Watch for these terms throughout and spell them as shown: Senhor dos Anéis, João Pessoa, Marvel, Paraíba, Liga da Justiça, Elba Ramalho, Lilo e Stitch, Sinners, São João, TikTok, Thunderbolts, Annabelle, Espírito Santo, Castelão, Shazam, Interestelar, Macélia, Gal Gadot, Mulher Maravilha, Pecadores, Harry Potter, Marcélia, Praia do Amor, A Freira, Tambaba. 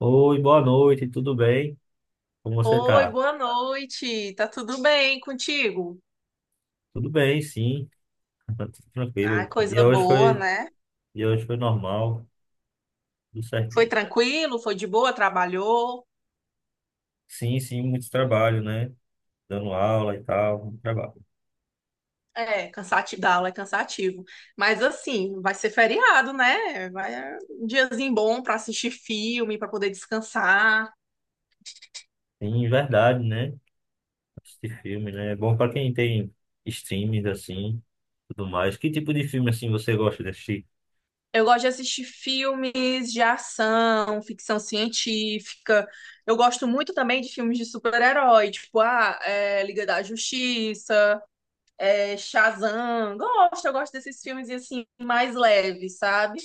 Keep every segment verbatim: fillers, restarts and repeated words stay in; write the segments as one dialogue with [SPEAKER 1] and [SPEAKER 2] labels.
[SPEAKER 1] Oi, boa noite, tudo bem? Como você
[SPEAKER 2] Oi,
[SPEAKER 1] tá?
[SPEAKER 2] boa noite. Tá tudo bem contigo?
[SPEAKER 1] Tudo bem, sim, tá tudo
[SPEAKER 2] Ah,
[SPEAKER 1] tranquilo.
[SPEAKER 2] coisa
[SPEAKER 1] Dia hoje
[SPEAKER 2] boa,
[SPEAKER 1] foi,
[SPEAKER 2] né?
[SPEAKER 1] e hoje foi normal, tudo
[SPEAKER 2] Foi
[SPEAKER 1] certinho.
[SPEAKER 2] tranquilo, foi de boa, trabalhou.
[SPEAKER 1] Sim, sim, muito trabalho, né? Dando aula e tal, muito trabalho.
[SPEAKER 2] É, cansativo, dar aula é cansativo. Mas assim, vai ser feriado, né? Vai é um diazinho bom pra assistir filme, pra poder descansar.
[SPEAKER 1] Sim, verdade, né? Assistir filme, né? É bom para quem tem streams assim, tudo mais. Que tipo de filme assim você gosta de assistir?
[SPEAKER 2] Eu gosto de assistir filmes de ação, ficção científica. Eu gosto muito também de filmes de super-herói, tipo, ah, é, Liga da Justiça. É, Shazam. Gosto, eu gosto desses filmes assim, mais leves, sabe?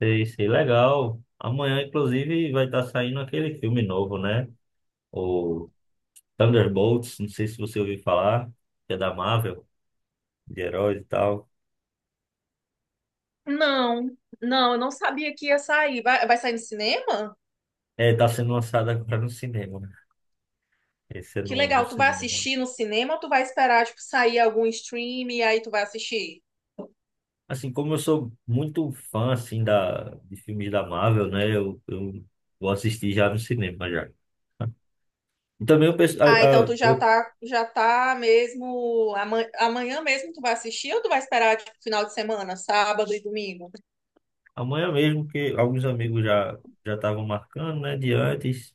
[SPEAKER 1] Sei, sei, legal. Amanhã, inclusive, vai estar saindo aquele filme novo, né? O Thunderbolts, não sei se você ouviu falar, que é da Marvel, de heróis e tal.
[SPEAKER 2] Não, não, eu não sabia que ia sair. Vai, vai sair no cinema?
[SPEAKER 1] É, tá sendo lançado agora no cinema, né? Esse é
[SPEAKER 2] Que
[SPEAKER 1] no, no
[SPEAKER 2] legal, tu vai
[SPEAKER 1] cinema.
[SPEAKER 2] assistir no cinema ou tu vai esperar, tipo, sair algum stream e aí tu vai assistir?
[SPEAKER 1] Assim, como eu sou muito fã, assim, da, de filmes da Marvel, né? Eu, eu vou assistir já no cinema, já. E também eu penso, a,
[SPEAKER 2] Ah, então
[SPEAKER 1] a,
[SPEAKER 2] tu já
[SPEAKER 1] eu-
[SPEAKER 2] tá, já tá mesmo, amanhã, amanhã mesmo tu vai assistir ou tu vai esperar, tipo, final de semana, sábado e domingo?
[SPEAKER 1] amanhã mesmo, que alguns amigos já já estavam marcando, né? De antes.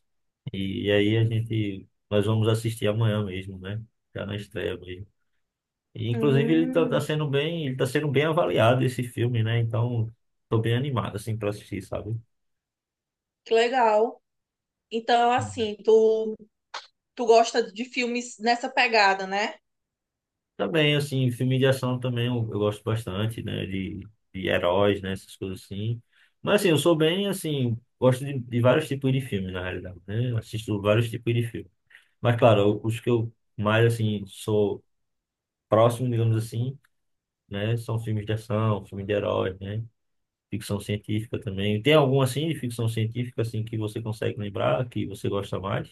[SPEAKER 1] E aí a gente, nós vamos assistir amanhã mesmo, né? Já na estreia mesmo. E, inclusive, ele tá, tá
[SPEAKER 2] Hum,
[SPEAKER 1] sendo bem, ele tá sendo bem avaliado, esse filme, né? Então, tô bem animado, assim, pra assistir, sabe?
[SPEAKER 2] que legal. Então, assim, tu, tu gosta de filmes nessa pegada, né?
[SPEAKER 1] Também, assim, filme de ação também eu, eu gosto bastante, né? De, de heróis, né? Essas coisas assim. Mas, assim, eu sou bem, assim, gosto de, de vários tipos de filme, na realidade, né? Eu assisto vários tipos de filme. Mas, claro, eu- os que eu mais, assim, sou próximo, digamos assim, né? São filmes de ação, filmes de heróis, né? Ficção científica também. Tem algum, assim, de ficção científica, assim, que você consegue lembrar, que você gosta mais?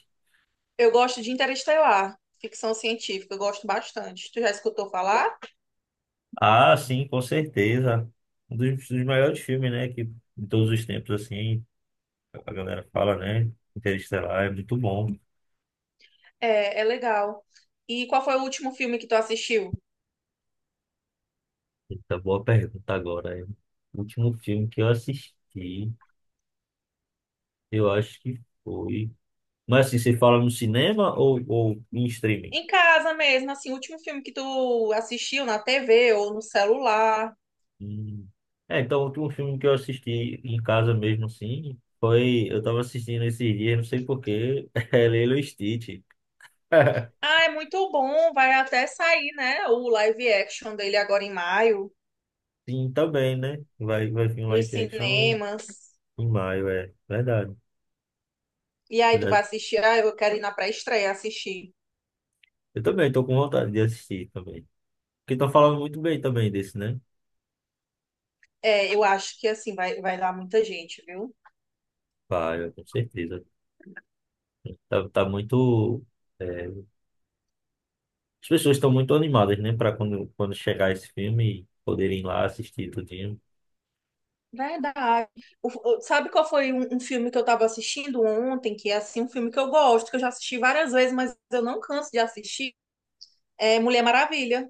[SPEAKER 2] Eu gosto de Interestelar, ficção científica, eu gosto bastante. Tu já escutou falar?
[SPEAKER 1] Ah, sim, com certeza. Um dos, dos maiores filmes, né? Que, de todos os tempos, assim, a galera fala, né? Interestelar é muito bom.
[SPEAKER 2] É, é legal. E qual foi o último filme que tu assistiu?
[SPEAKER 1] Eita, boa pergunta agora. O último filme que eu assisti, eu acho que foi. Mas assim, você fala no cinema ou, ou em streaming?
[SPEAKER 2] Em casa mesmo, assim, o último filme que tu assistiu na T V ou no celular?
[SPEAKER 1] Hum. É, então o último filme que eu assisti em casa mesmo, assim, foi. Eu tava assistindo esses dias, não sei porquê, é Lilo e Stitch.
[SPEAKER 2] Ah, é muito bom. Vai até sair, né? O live action dele agora em maio,
[SPEAKER 1] Sim, também, né? Vai, vai vir um
[SPEAKER 2] nos
[SPEAKER 1] live action
[SPEAKER 2] cinemas.
[SPEAKER 1] em maio, é verdade.
[SPEAKER 2] E aí tu vai
[SPEAKER 1] Verdade.
[SPEAKER 2] assistir. Ah, eu quero ir na pré-estreia assistir.
[SPEAKER 1] Eu também tô com vontade de assistir também, que estão falando muito bem também desse, né?
[SPEAKER 2] É, eu acho que assim vai, vai dar muita gente, viu?
[SPEAKER 1] Vai, com certeza. Tá, tá muito, é, as pessoas estão muito animadas, né? Para quando, quando chegar esse filme e poderem ir lá assistir tudinho.
[SPEAKER 2] Verdade. O- o- sabe qual foi um, um filme que eu tava assistindo ontem, que é assim, um filme que eu gosto, que eu já assisti várias vezes, mas eu não canso de assistir? É Mulher Maravilha.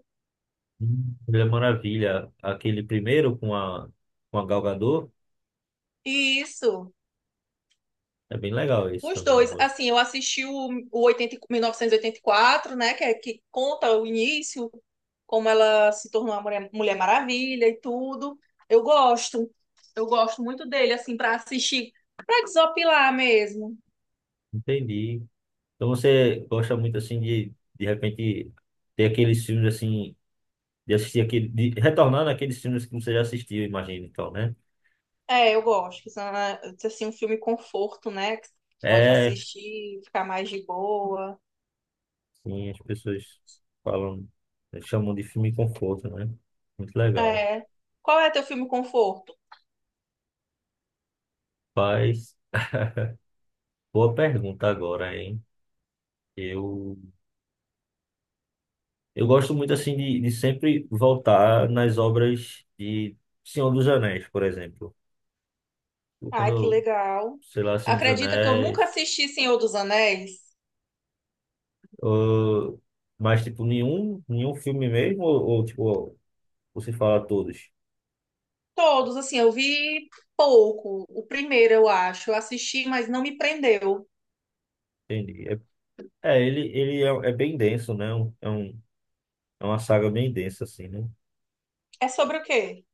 [SPEAKER 1] Hum, Ele é maravilha. Aquele primeiro com a, com a Gal Gadot,
[SPEAKER 2] Isso.
[SPEAKER 1] é bem legal esse
[SPEAKER 2] Os
[SPEAKER 1] também, eu
[SPEAKER 2] dois,
[SPEAKER 1] gosto.
[SPEAKER 2] assim, eu assisti o, o oitenta, e- mil novecentos e oitenta e quatro, né, que, é, que conta o início, como ela se tornou a Mulher, Mulher Maravilha e tudo. Eu gosto, eu gosto muito dele, assim, para assistir, para desopilar mesmo.
[SPEAKER 1] Entendi. Então você gosta muito assim de, de repente, ter aqueles filmes assim, de assistir aquele, de retornar naqueles filmes que você já assistiu, imagina, então, né?
[SPEAKER 2] É, eu gosto, que são, ah, assim, um filme conforto, né, que você pode
[SPEAKER 1] É.
[SPEAKER 2] assistir, ficar mais de boa.
[SPEAKER 1] Sim, as pessoas falam, eh, chamam de filme conforto, né? Muito legal.
[SPEAKER 2] É. Qual é teu filme conforto?
[SPEAKER 1] Mas, boa pergunta agora, hein? Eu, eu gosto muito, assim, de, de sempre voltar nas obras de Senhor dos Anéis, por exemplo. Eu,
[SPEAKER 2] Ai,
[SPEAKER 1] Quando,
[SPEAKER 2] que
[SPEAKER 1] eu,
[SPEAKER 2] legal.
[SPEAKER 1] sei lá, Senhor dos
[SPEAKER 2] Acredita que eu nunca
[SPEAKER 1] Anéis,
[SPEAKER 2] assisti Senhor dos Anéis?
[SPEAKER 1] ou- mas, tipo, nenhum, nenhum filme mesmo, ou, ou, tipo, você fala todos?
[SPEAKER 2] Todos, assim, eu vi pouco. O primeiro, eu acho. Eu assisti, mas não me prendeu.
[SPEAKER 1] Entendi. É, é, ele, ele é, é bem denso, né? É um, é um, é uma saga bem densa, assim, né?
[SPEAKER 2] É sobre o quê?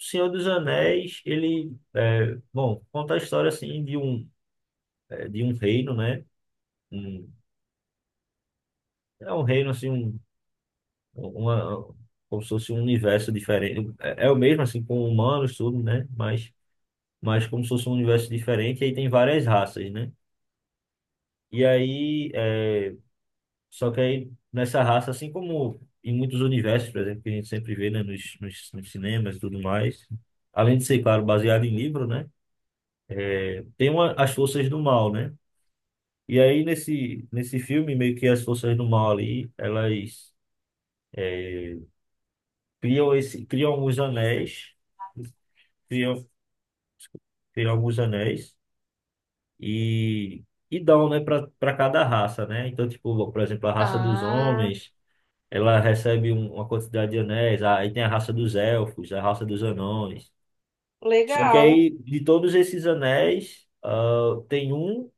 [SPEAKER 1] O Senhor dos Anéis, ele, é, bom, conta a história, assim, de um, é, de um reino, né? Um- é um reino, assim, um, uma, como se fosse um universo diferente. É, é o mesmo, assim, com humanos, tudo, né? Mas, mas como se fosse um universo diferente, aí tem várias raças, né? E aí, é, só que aí, nessa raça, assim como em muitos universos, por exemplo, que a gente sempre vê, né, nos, nos, nos cinemas e tudo mais, além de ser, claro, baseado em livro, né? Tem uma, as forças do mal, né? E aí, nesse, nesse filme, meio que as forças do mal ali, elas criam esse, criam alguns anéis, criam, criam alguns anéis e, e dão, né, para cada raça, né? Então, tipo, por exemplo, a raça dos
[SPEAKER 2] Ah,
[SPEAKER 1] homens, ela recebe um- uma quantidade de anéis, aí tem a raça dos elfos, a raça dos anões. Só que
[SPEAKER 2] legal.
[SPEAKER 1] aí, de todos esses anéis, ah, tem um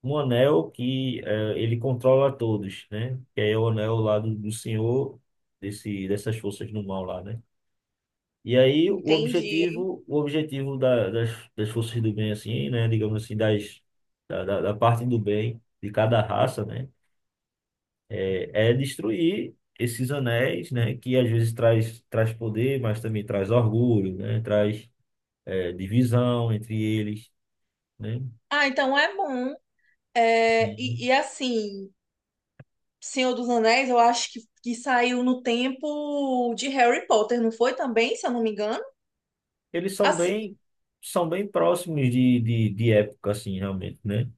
[SPEAKER 1] um anel que eh, ele controla todos, né? Que é o anel lá do, do senhor desse, dessas forças do mal lá, né? E aí o
[SPEAKER 2] Entendi.
[SPEAKER 1] objetivo, o objetivo da, das, das forças do bem, assim, né? Digamos assim, das, da, da, da parte do bem de cada raça, né? É, é destruir esses anéis, né? Que às vezes traz, traz poder, mas também traz orgulho, né? Traz eh, divisão entre eles, né?
[SPEAKER 2] Ah, então é bom. É, e, e assim, Senhor dos Anéis, eu acho que, que saiu no tempo de Harry Potter, não foi também, se eu não me engano?
[SPEAKER 1] Eles são
[SPEAKER 2] Assim,
[SPEAKER 1] bem, são bem próximos de, de, de época, assim, realmente, né?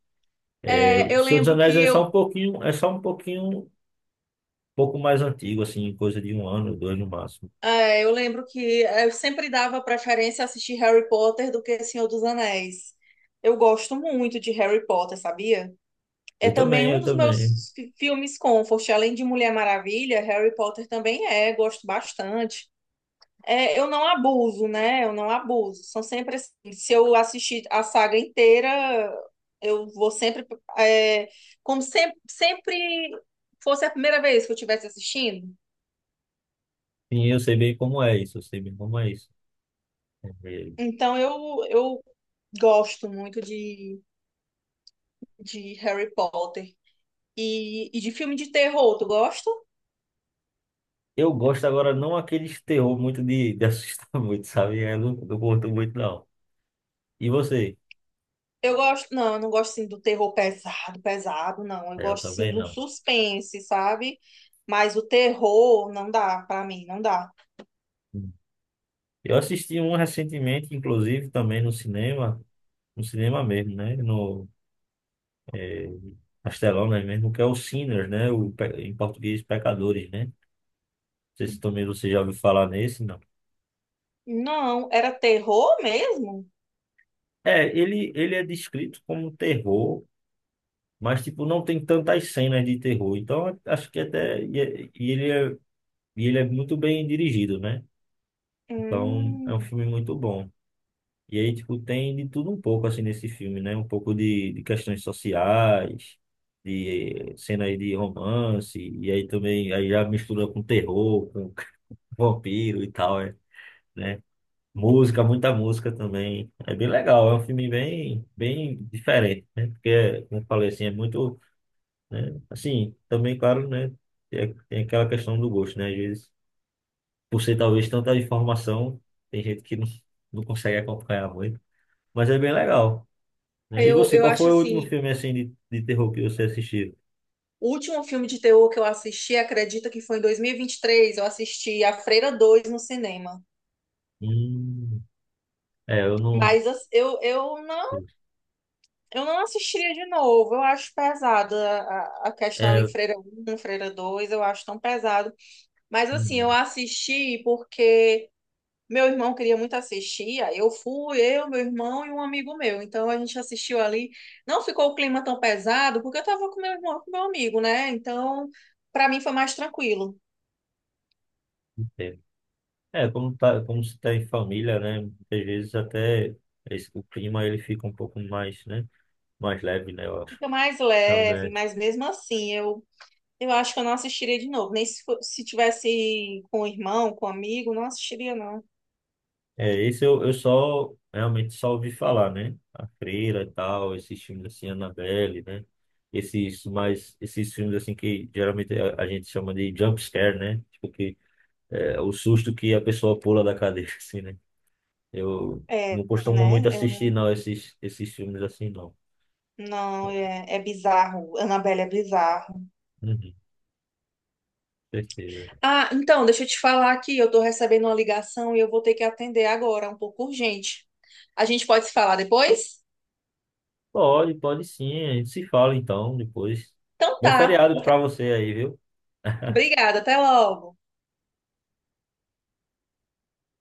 [SPEAKER 1] É,
[SPEAKER 2] é,
[SPEAKER 1] o
[SPEAKER 2] eu
[SPEAKER 1] Senhor dos
[SPEAKER 2] lembro
[SPEAKER 1] Anéis
[SPEAKER 2] que
[SPEAKER 1] é só
[SPEAKER 2] eu,
[SPEAKER 1] um pouquinho, é só um pouquinho, um pouco mais antigo, assim, coisa de um ano, dois no máximo.
[SPEAKER 2] é, eu lembro que eu sempre dava preferência a assistir Harry Potter do que Senhor dos Anéis. Eu gosto muito de Harry Potter, sabia? É
[SPEAKER 1] Eu
[SPEAKER 2] também
[SPEAKER 1] também,
[SPEAKER 2] um
[SPEAKER 1] eu
[SPEAKER 2] dos
[SPEAKER 1] também.
[SPEAKER 2] meus fi- filmes comfort, além de Mulher Maravilha, Harry Potter também é, gosto bastante. É, eu não abuso, né? Eu não abuso. São sempre assim. Se eu assistir a saga inteira, eu vou sempre, é, como sempre, sempre fosse a primeira vez que eu estivesse assistindo.
[SPEAKER 1] Sim, eu sei bem como é isso, eu sei bem como é isso. É.
[SPEAKER 2] Então eu, eu gosto muito de, de Harry Potter e, e de filme de terror. Tu gosta?
[SPEAKER 1] Eu gosto agora, não aqueles terror muito de, de assustar muito, sabe? Eu não, não curto muito, não. E você?
[SPEAKER 2] Eu gosto, não, eu não gosto sim do terror pesado, pesado, não. Eu
[SPEAKER 1] É, eu
[SPEAKER 2] gosto sim
[SPEAKER 1] também
[SPEAKER 2] de um
[SPEAKER 1] não.
[SPEAKER 2] suspense, sabe? Mas o terror não dá pra mim, não dá.
[SPEAKER 1] Hum. Eu assisti um recentemente, inclusive, também no cinema, no cinema mesmo, né? No, é, Castelão, né? Mesmo que é o Sinners, né? O, pe- em português, Pecadores, né? Não sei se também você já ouviu falar nesse, não.
[SPEAKER 2] Não, era terror mesmo?
[SPEAKER 1] É, ele, ele é descrito como terror, mas, tipo, não tem tantas cenas de terror. Então, acho que até... E, é- e ele é, e ele é muito bem dirigido, né? Então, é um
[SPEAKER 2] Hum,
[SPEAKER 1] filme muito bom. E aí, tipo, tem de tudo um pouco, assim, nesse filme, né? Um pouco de, de questões sociais, de eh, cenas de romance, e aí também aí já mistura com terror, vampiro e tal, é, né? Música, muita música também. É bem legal, é um filme bem, bem diferente, né? Porque, como eu falei assim, é muito, né? Assim, também, claro, né? Tem, tem aquela questão do gosto, né? Às vezes, por ser talvez tanta informação, tem gente que não, não consegue acompanhar muito, mas é bem legal, né? E
[SPEAKER 2] eu,
[SPEAKER 1] você,
[SPEAKER 2] eu
[SPEAKER 1] qual
[SPEAKER 2] acho
[SPEAKER 1] foi o último
[SPEAKER 2] assim,
[SPEAKER 1] filme, assim, de, de terror que você assistiu?
[SPEAKER 2] o último filme de terror que eu assisti, acredita que foi em dois mil e e vinte e três eu assisti A Freira dois no cinema.
[SPEAKER 1] Hum, é, eu não...
[SPEAKER 2] Mas as- eu, eu não, eu não assistiria de novo. Eu acho pesado a, a a questão
[SPEAKER 1] É,
[SPEAKER 2] ali
[SPEAKER 1] eu-
[SPEAKER 2] Freira um Freira dois eu acho tão pesado. Mas assim, eu
[SPEAKER 1] hum,
[SPEAKER 2] assisti porque meu irmão queria muito assistir, aí eu fui, eu, meu irmão e um amigo meu. Então a gente assistiu ali. Não ficou o clima tão pesado, porque eu tava com meu irmão, com meu amigo, né? Então, para mim foi mais tranquilo.
[SPEAKER 1] não. É, como tá, como se tá em família, né? Muitas vezes até esse- o clima ele fica um pouco mais, né? Mais leve, né? Eu acho.
[SPEAKER 2] Fica mais leve,
[SPEAKER 1] Também.
[SPEAKER 2] mas mesmo assim, eu eu acho que eu não assistiria de novo. Nem se, fo- se tivesse com o irmão, com o amigo, não assistiria, não.
[SPEAKER 1] É, esse eu, eu só realmente só ouvi falar, né? A Freira e tal, esses filmes assim, Annabelle, né? Esses mais, esses filmes assim que geralmente a, a gente chama de jump scare, né? Tipo que é o susto que a pessoa pula da cadeira, assim, né? Eu
[SPEAKER 2] É,
[SPEAKER 1] não costumo muito
[SPEAKER 2] né? Eu,
[SPEAKER 1] assistir,
[SPEAKER 2] não,
[SPEAKER 1] não, esses, esses filmes assim, não.
[SPEAKER 2] não, é, é bizarro. Annabelle é bizarro.
[SPEAKER 1] Uhum, certeza.
[SPEAKER 2] Ah, então, deixa eu te falar aqui, eu tô recebendo uma ligação e eu vou ter que atender agora, é um pouco urgente. A gente pode se falar depois?
[SPEAKER 1] Pode, pode sim. A gente se fala então depois.
[SPEAKER 2] Então
[SPEAKER 1] Bom
[SPEAKER 2] tá.
[SPEAKER 1] feriado pra você aí, viu?
[SPEAKER 2] Obrigada, até logo.